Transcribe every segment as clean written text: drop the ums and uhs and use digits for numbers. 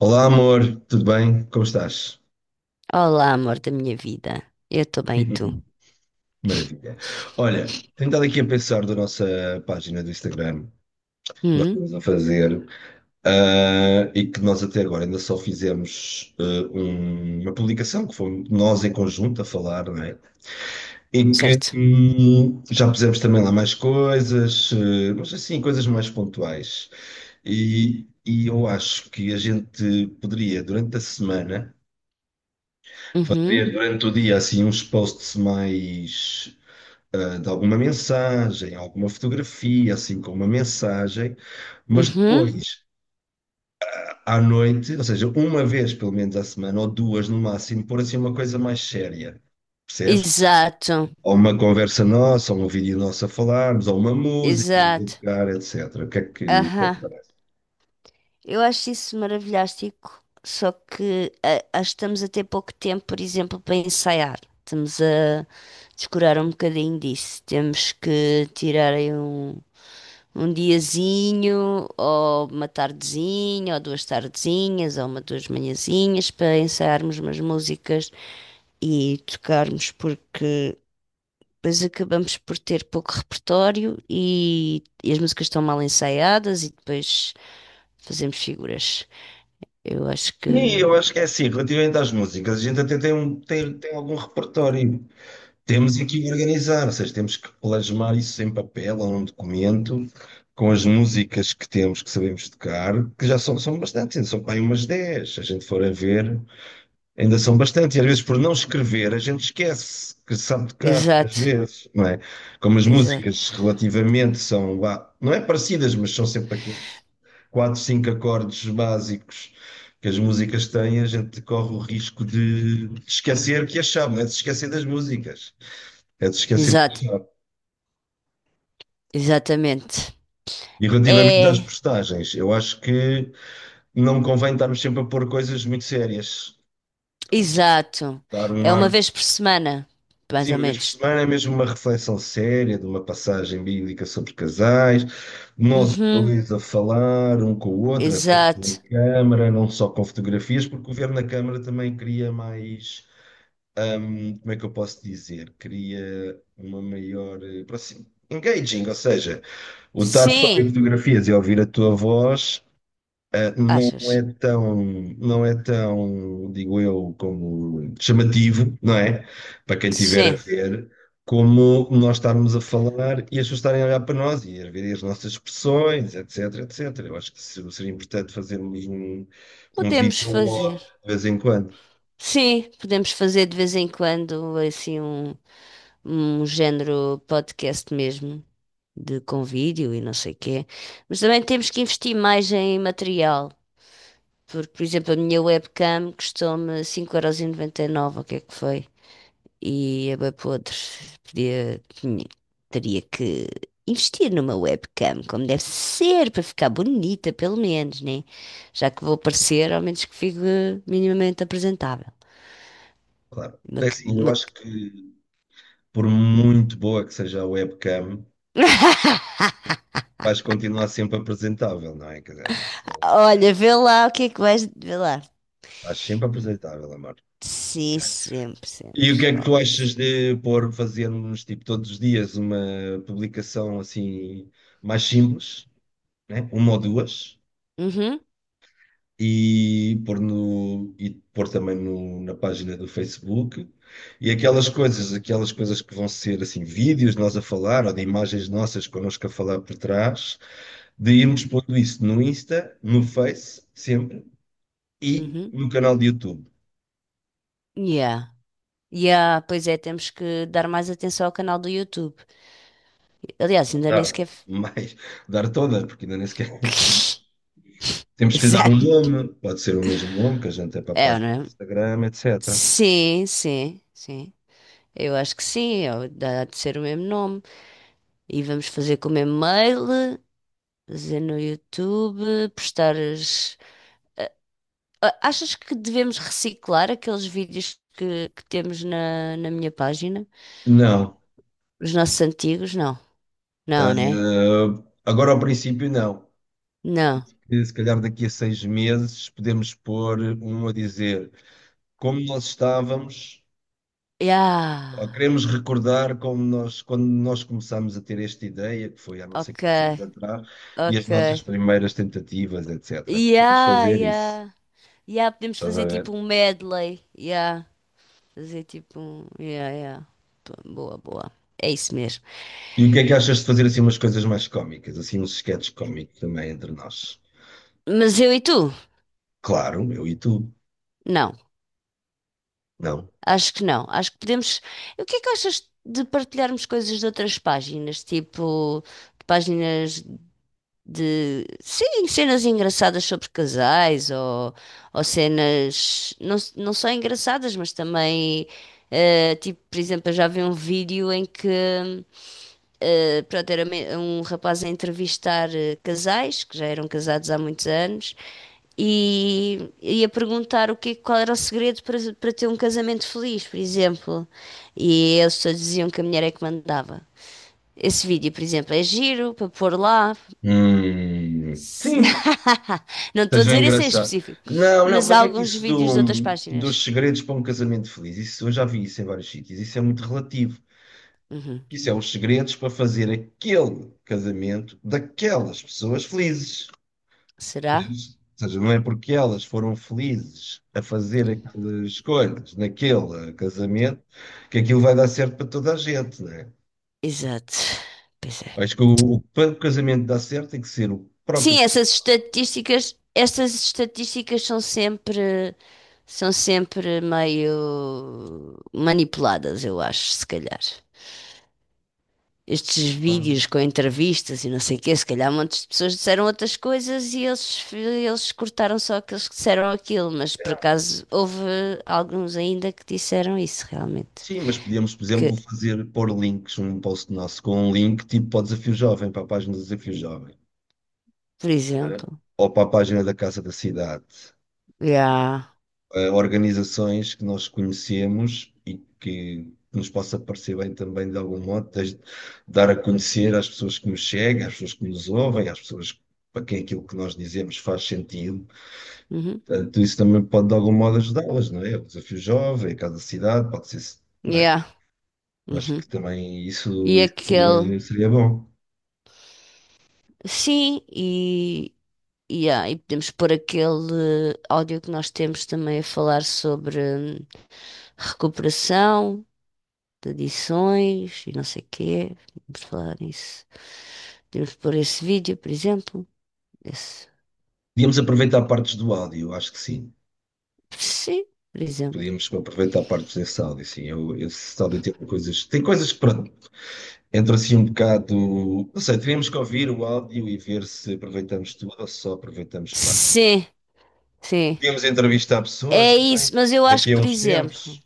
Olá, amor, tudo bem? Como estás? Olá, amor da minha vida. Eu estou bem, e tu? Maravilha. Olha, tenho estado aqui a pensar da nossa página do Instagram, que nós Hum, estamos a fazer, e que nós até agora ainda só fizemos uma publicação, que foi nós em conjunto a falar, não é? Em que certo. Já pusemos também lá mais coisas, mas assim, coisas mais pontuais. E eu acho que a gente poderia, durante a semana, Uhum, fazer durante o dia assim uns posts mais de alguma mensagem, alguma fotografia, assim com uma mensagem, mas uhum. depois à noite, ou seja, uma vez pelo menos à semana ou duas no máximo, pôr assim uma coisa mais séria, percebes? Exato, Ou uma conversa nossa, ou um vídeo nosso a falarmos, ou uma música, de exato. tocar, etc. O que é que Aham. parece? Eu acho isso maravilhástico, só que acho que estamos a ter pouco tempo, por exemplo, para ensaiar. Estamos a descurar um bocadinho disso. Temos que tirar aí um diazinho, ou uma tardezinha, ou duas tardezinhas, ou uma duas manhãzinhas para ensaiarmos umas músicas e tocarmos, porque depois acabamos por ter pouco repertório e as músicas estão mal ensaiadas e depois fazemos figuras. Eu acho que. E eu acho que é assim, relativamente às músicas, a gente até tem algum repertório. Temos aqui organizar, ou seja, temos que plasmar isso em papel ou num documento, com as músicas que temos, que sabemos tocar, que já são bastantes, ainda são para aí umas 10, se a gente for a ver, ainda são bastantes. E às vezes, por não escrever, a gente esquece que sabe tocar, às Exato, vezes, não é? Como as exato, músicas relativamente são, vá, não é parecidas, mas são sempre aqueles 4, 5 acordes básicos que as músicas têm, a gente corre o risco de esquecer que as sabe, não é? De se esquecer das músicas. É de esquecer de exato, pensar. exatamente. E relativamente às É, postagens, eu acho que não convém estarmos sempre a pôr coisas muito sérias. Tá? exato. Dar um É ar. uma vez por semana, mais Sim, ou uma vez por menos. semana é mesmo uma reflexão séria de uma passagem bíblica sobre casais, nós Uhum, dois a falar um com o outro, através da exato. câmara, não só com fotografias, porque o ver na câmara também cria mais. Como é que eu posso dizer? Cria uma maior Engaging, ou seja, o estar só em Sim, fotografias e ouvir a tua voz não é achas? tão, digo eu, como chamativo, não é? Para quem tiver a Sim, ver, como nós estarmos a falar e as pessoas estarem a olhar para nós e a ver as nossas expressões, etc, etc. Eu acho que seria importante fazermos um podemos vídeo fazer. logo de vez em quando. Sim, podemos fazer de vez em quando assim um género podcast mesmo, de com vídeo e não sei quê. Mas também temos que investir mais em material, porque, por exemplo, a minha webcam custou-me 5,99€, o que é que foi? E a podre, podia, teria que investir numa webcam, como deve ser, para ficar bonita, pelo menos, né? Já que vou aparecer, ao menos que fique minimamente apresentável. Claro, Uma é c- assim, eu uma acho c- que por muito boa que seja a webcam, vais continuar sempre apresentável, não é? Quer dizer, acho que Olha, vê lá o que é que vais. Vê lá. estás sempre apresentável, amor. Sim, sempre, E o que sempre. é que tu achas Always. de pôr, fazermos tipo todos os dias uma publicação assim mais simples, né? Uma ou duas, Uhum, e pôr também na página do Facebook. E aquelas coisas que vão ser assim vídeos de nós a falar ou de imagens nossas connosco a falar por trás, de irmos pondo isso no Insta, no Face, sempre, e uhum. no canal de YouTube. Yeah. Yeah, pois é, temos que dar mais atenção ao canal do YouTube. Aliás, ainda nem Dar sequer. mais, dar todas, porque ainda nem sequer temos que lhe dar um Exato. nome, pode ser o mesmo nome que a gente é para a É, página do né? Instagram, etc. Sim, sim, sim. Eu acho que sim, é, dá de ser o mesmo nome. E vamos fazer com o mesmo mail, fazer no YouTube, postar as. Ah, achas que devemos reciclar aqueles vídeos que temos na minha página? Não. Os nossos antigos? Não. Não, Ah, né? agora, ao princípio, não. Não. E se calhar daqui a 6 meses podemos pôr um a dizer como nós estávamos, Yeah. ou queremos recordar como nós, quando nós começámos a ter esta ideia, que foi há não sei Ok, quantos anos atrás, e as ok. nossas primeiras tentativas, etc. Podemos Yeah, fazer isso, yeah. Yeah, podemos estás a fazer tipo ver? um medley. Yeah. Fazer tipo um. Yeah, yeah. Boa, boa. É isso mesmo. E o que é que achas de fazer assim umas coisas mais cómicas, assim uns sketches cómicos também entre nós? Mas eu e tu? Claro, meu, e tu? Não. Não. Acho que não. Acho que podemos. O que é que achas de partilharmos coisas de outras páginas? Tipo, de páginas de. Sim, cenas engraçadas sobre casais ou cenas. Não, não só engraçadas, mas também. Tipo, por exemplo, eu já vi um vídeo em que. Pronto, era um rapaz a entrevistar casais que já eram casados há muitos anos e a perguntar o que, qual era o segredo para ter um casamento feliz, por exemplo. E eles todos diziam que a mulher é que mandava. Esse vídeo, por exemplo, é giro para pôr lá. Hum, Se- sim. Não estou a Seja dizer esse em engraçado. específico, Não, não, mas há mas é que alguns isso vídeos de outras dos páginas. segredos para um casamento feliz, isso eu já vi isso em vários sítios, isso é muito relativo. Uhum. Isso é os segredos para fazer aquele casamento daquelas pessoas felizes. Ou Será? seja, não é porque elas foram felizes a fazer aquelas escolhas naquele casamento que aquilo vai dar certo para toda a gente, não é? Exato. Pois é. Acho que para o casamento dar certo tem que ser o Sim, próprio. Essas estatísticas são sempre meio manipuladas, eu acho, se calhar. Estes vídeos com entrevistas e não sei o quê, se calhar montes de pessoas disseram outras coisas e eles cortaram só aqueles que disseram aquilo, mas por acaso houve alguns ainda que disseram isso realmente. Sim, mas podíamos, por exemplo, Que, fazer pôr links, um post nosso com um link tipo para o Desafio Jovem, para a página do Desafio Jovem, por né? exemplo, Ou para a página da Casa da Cidade. yeah, Organizações que nós conhecemos e que nos possa parecer bem também de algum modo, desde dar a conhecer às pessoas que nos chegam, às pessoas que nos ouvem, às pessoas para quem aquilo que nós dizemos faz sentido. uhum, Portanto, isso também pode de algum modo ajudá-las, não é? O Desafio Jovem, a Casa da Cidade, pode ser, yeah, acho uhum, que também isso, e isso aquele, seria bom. sim, yeah, e podemos pôr aquele áudio que nós temos também a falar sobre hum, recuperação de adições e não sei o quê. Podemos falar nisso. Podemos pôr esse vídeo, por exemplo. Esse. Podíamos aproveitar partes do áudio, acho que sim. Sim, por exemplo. Podíamos aproveitar partes desse áudio, sim. Eu, esse áudio tem coisas. Tem coisas que, pronto, entra assim um bocado. Não sei, teríamos que ouvir o áudio e ver se aproveitamos tudo ou só aproveitamos parte. Sim, sim. Podíamos entrevistar pessoas É também, isso, mas eu acho daqui que, a por uns exemplo, tempos.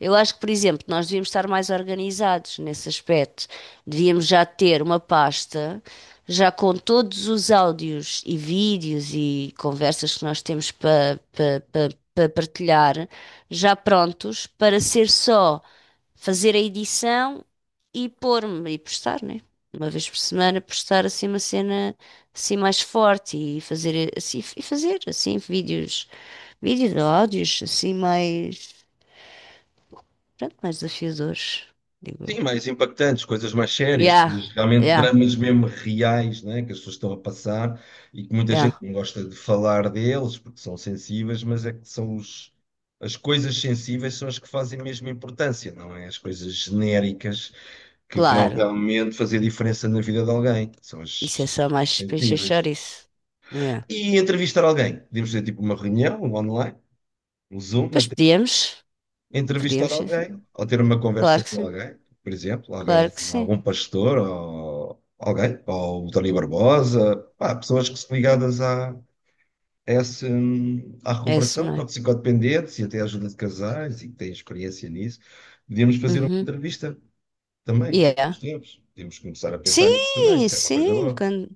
Nós devíamos estar mais organizados nesse aspecto. Devíamos já ter uma pasta, já com todos os áudios e vídeos e conversas que nós temos para pa, pa- pa partilhar, já prontos para ser só fazer a edição e pôr-me e postar, né? Uma vez por semana postar assim uma cena assim mais forte e fazer assim vídeos, áudios assim mais. Pronto, mais desafios hoje, digo eu. Sim, mais impactantes, coisas mais sérias, Yeah, coisas realmente yeah, dramas mesmo reais, né, que as pessoas estão a passar e que muita gente yeah, não gosta de falar deles porque são sensíveis, mas é que são as coisas sensíveis são as que fazem mesmo importância, não é? As coisas genéricas que vão claro. realmente fazer diferença na vida de alguém, são Isso as, é só as mais para encher sensíveis. chouriço. Yeah. E entrevistar alguém, podemos ter tipo uma reunião online, um Zoom, Pois podíamos, entrevistar podíamos, sim, sim. alguém ou ter uma conversa Claro que com sim, alguém, por exemplo, alguém, claro que sim. algum pastor ou alguém, ou o Tony Barbosa, pá, pessoas que são ligadas a essa, à É isso, recuperação, não é? toxicodependentes e até à ajuda de casais e que têm experiência nisso. Podíamos fazer uma Uhum. entrevista também, daqui a Yeah. uns tempos. Podíamos começar a pensar nisso também, Sim, isso é uma coisa boa.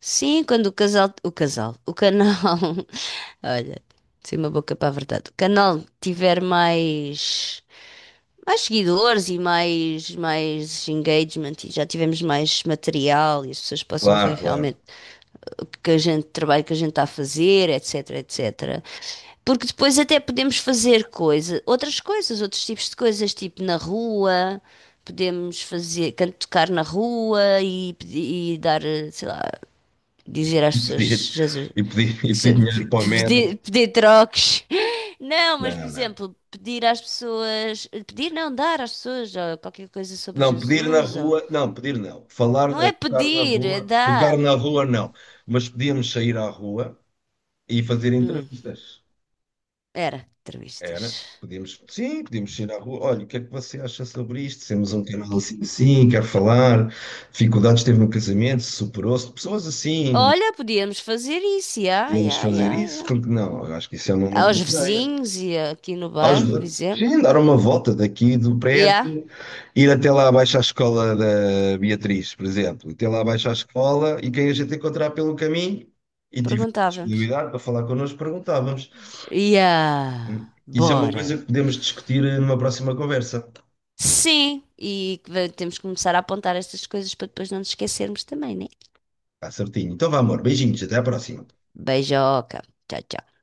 sim, quando o casal, o casal, o canal, olha, sem uma boca para a verdade, o canal tiver mais seguidores e mais engagement e já tivemos mais material e as pessoas possam ver Claro, claro. realmente o que a gente, o trabalho que a gente está a fazer, etc, etc. Porque depois até podemos fazer coisa, outras coisas, outros tipos de coisas, tipo na rua, podemos fazer, tocar na rua e dar, sei lá, dizer às E pedir, pessoas, Jesus, e pedir, e que pedir se- pe- dinheiro para o pedir, metro. pedir troques. Não, mas por Não, não. exemplo, pedir às pessoas, pedir não, dar às pessoas ó, qualquer coisa sobre Não, pedir na Jesus. Ou. rua, não, pedir não. Falar, Não é pedir, é tocar dar. na rua não. Mas podíamos sair à rua e fazer Hum, entrevistas. era, Era? entrevistas. Podíamos, sim, podíamos sair à rua. Olha, o que é que você acha sobre isto? Temos um canal assim, assim, quero falar. Dificuldades teve no casamento, superou-se. Pessoas assim, Olha, podíamos fazer isso, já, podíamos já, fazer já, isso, já. porque não? Eu acho que isso é uma muito Aos boa ideia. vizinhos e aqui no Aos, bairro, por exemplo. sim, dar uma volta daqui do Já, prédio, ir até lá abaixo à escola da Beatriz, por exemplo, até lá abaixo à escola e quem a gente encontrar pelo caminho e tiver perguntávamos. disponibilidade para falar connosco, perguntávamos. Já, Isso é uma coisa bora. que podemos discutir numa próxima conversa. Sim, e que temos que começar a apontar estas coisas para depois não nos esquecermos também, né? Está certinho. Então vá, amor, beijinhos, até à próxima. Beijoca. Tchau, tchau.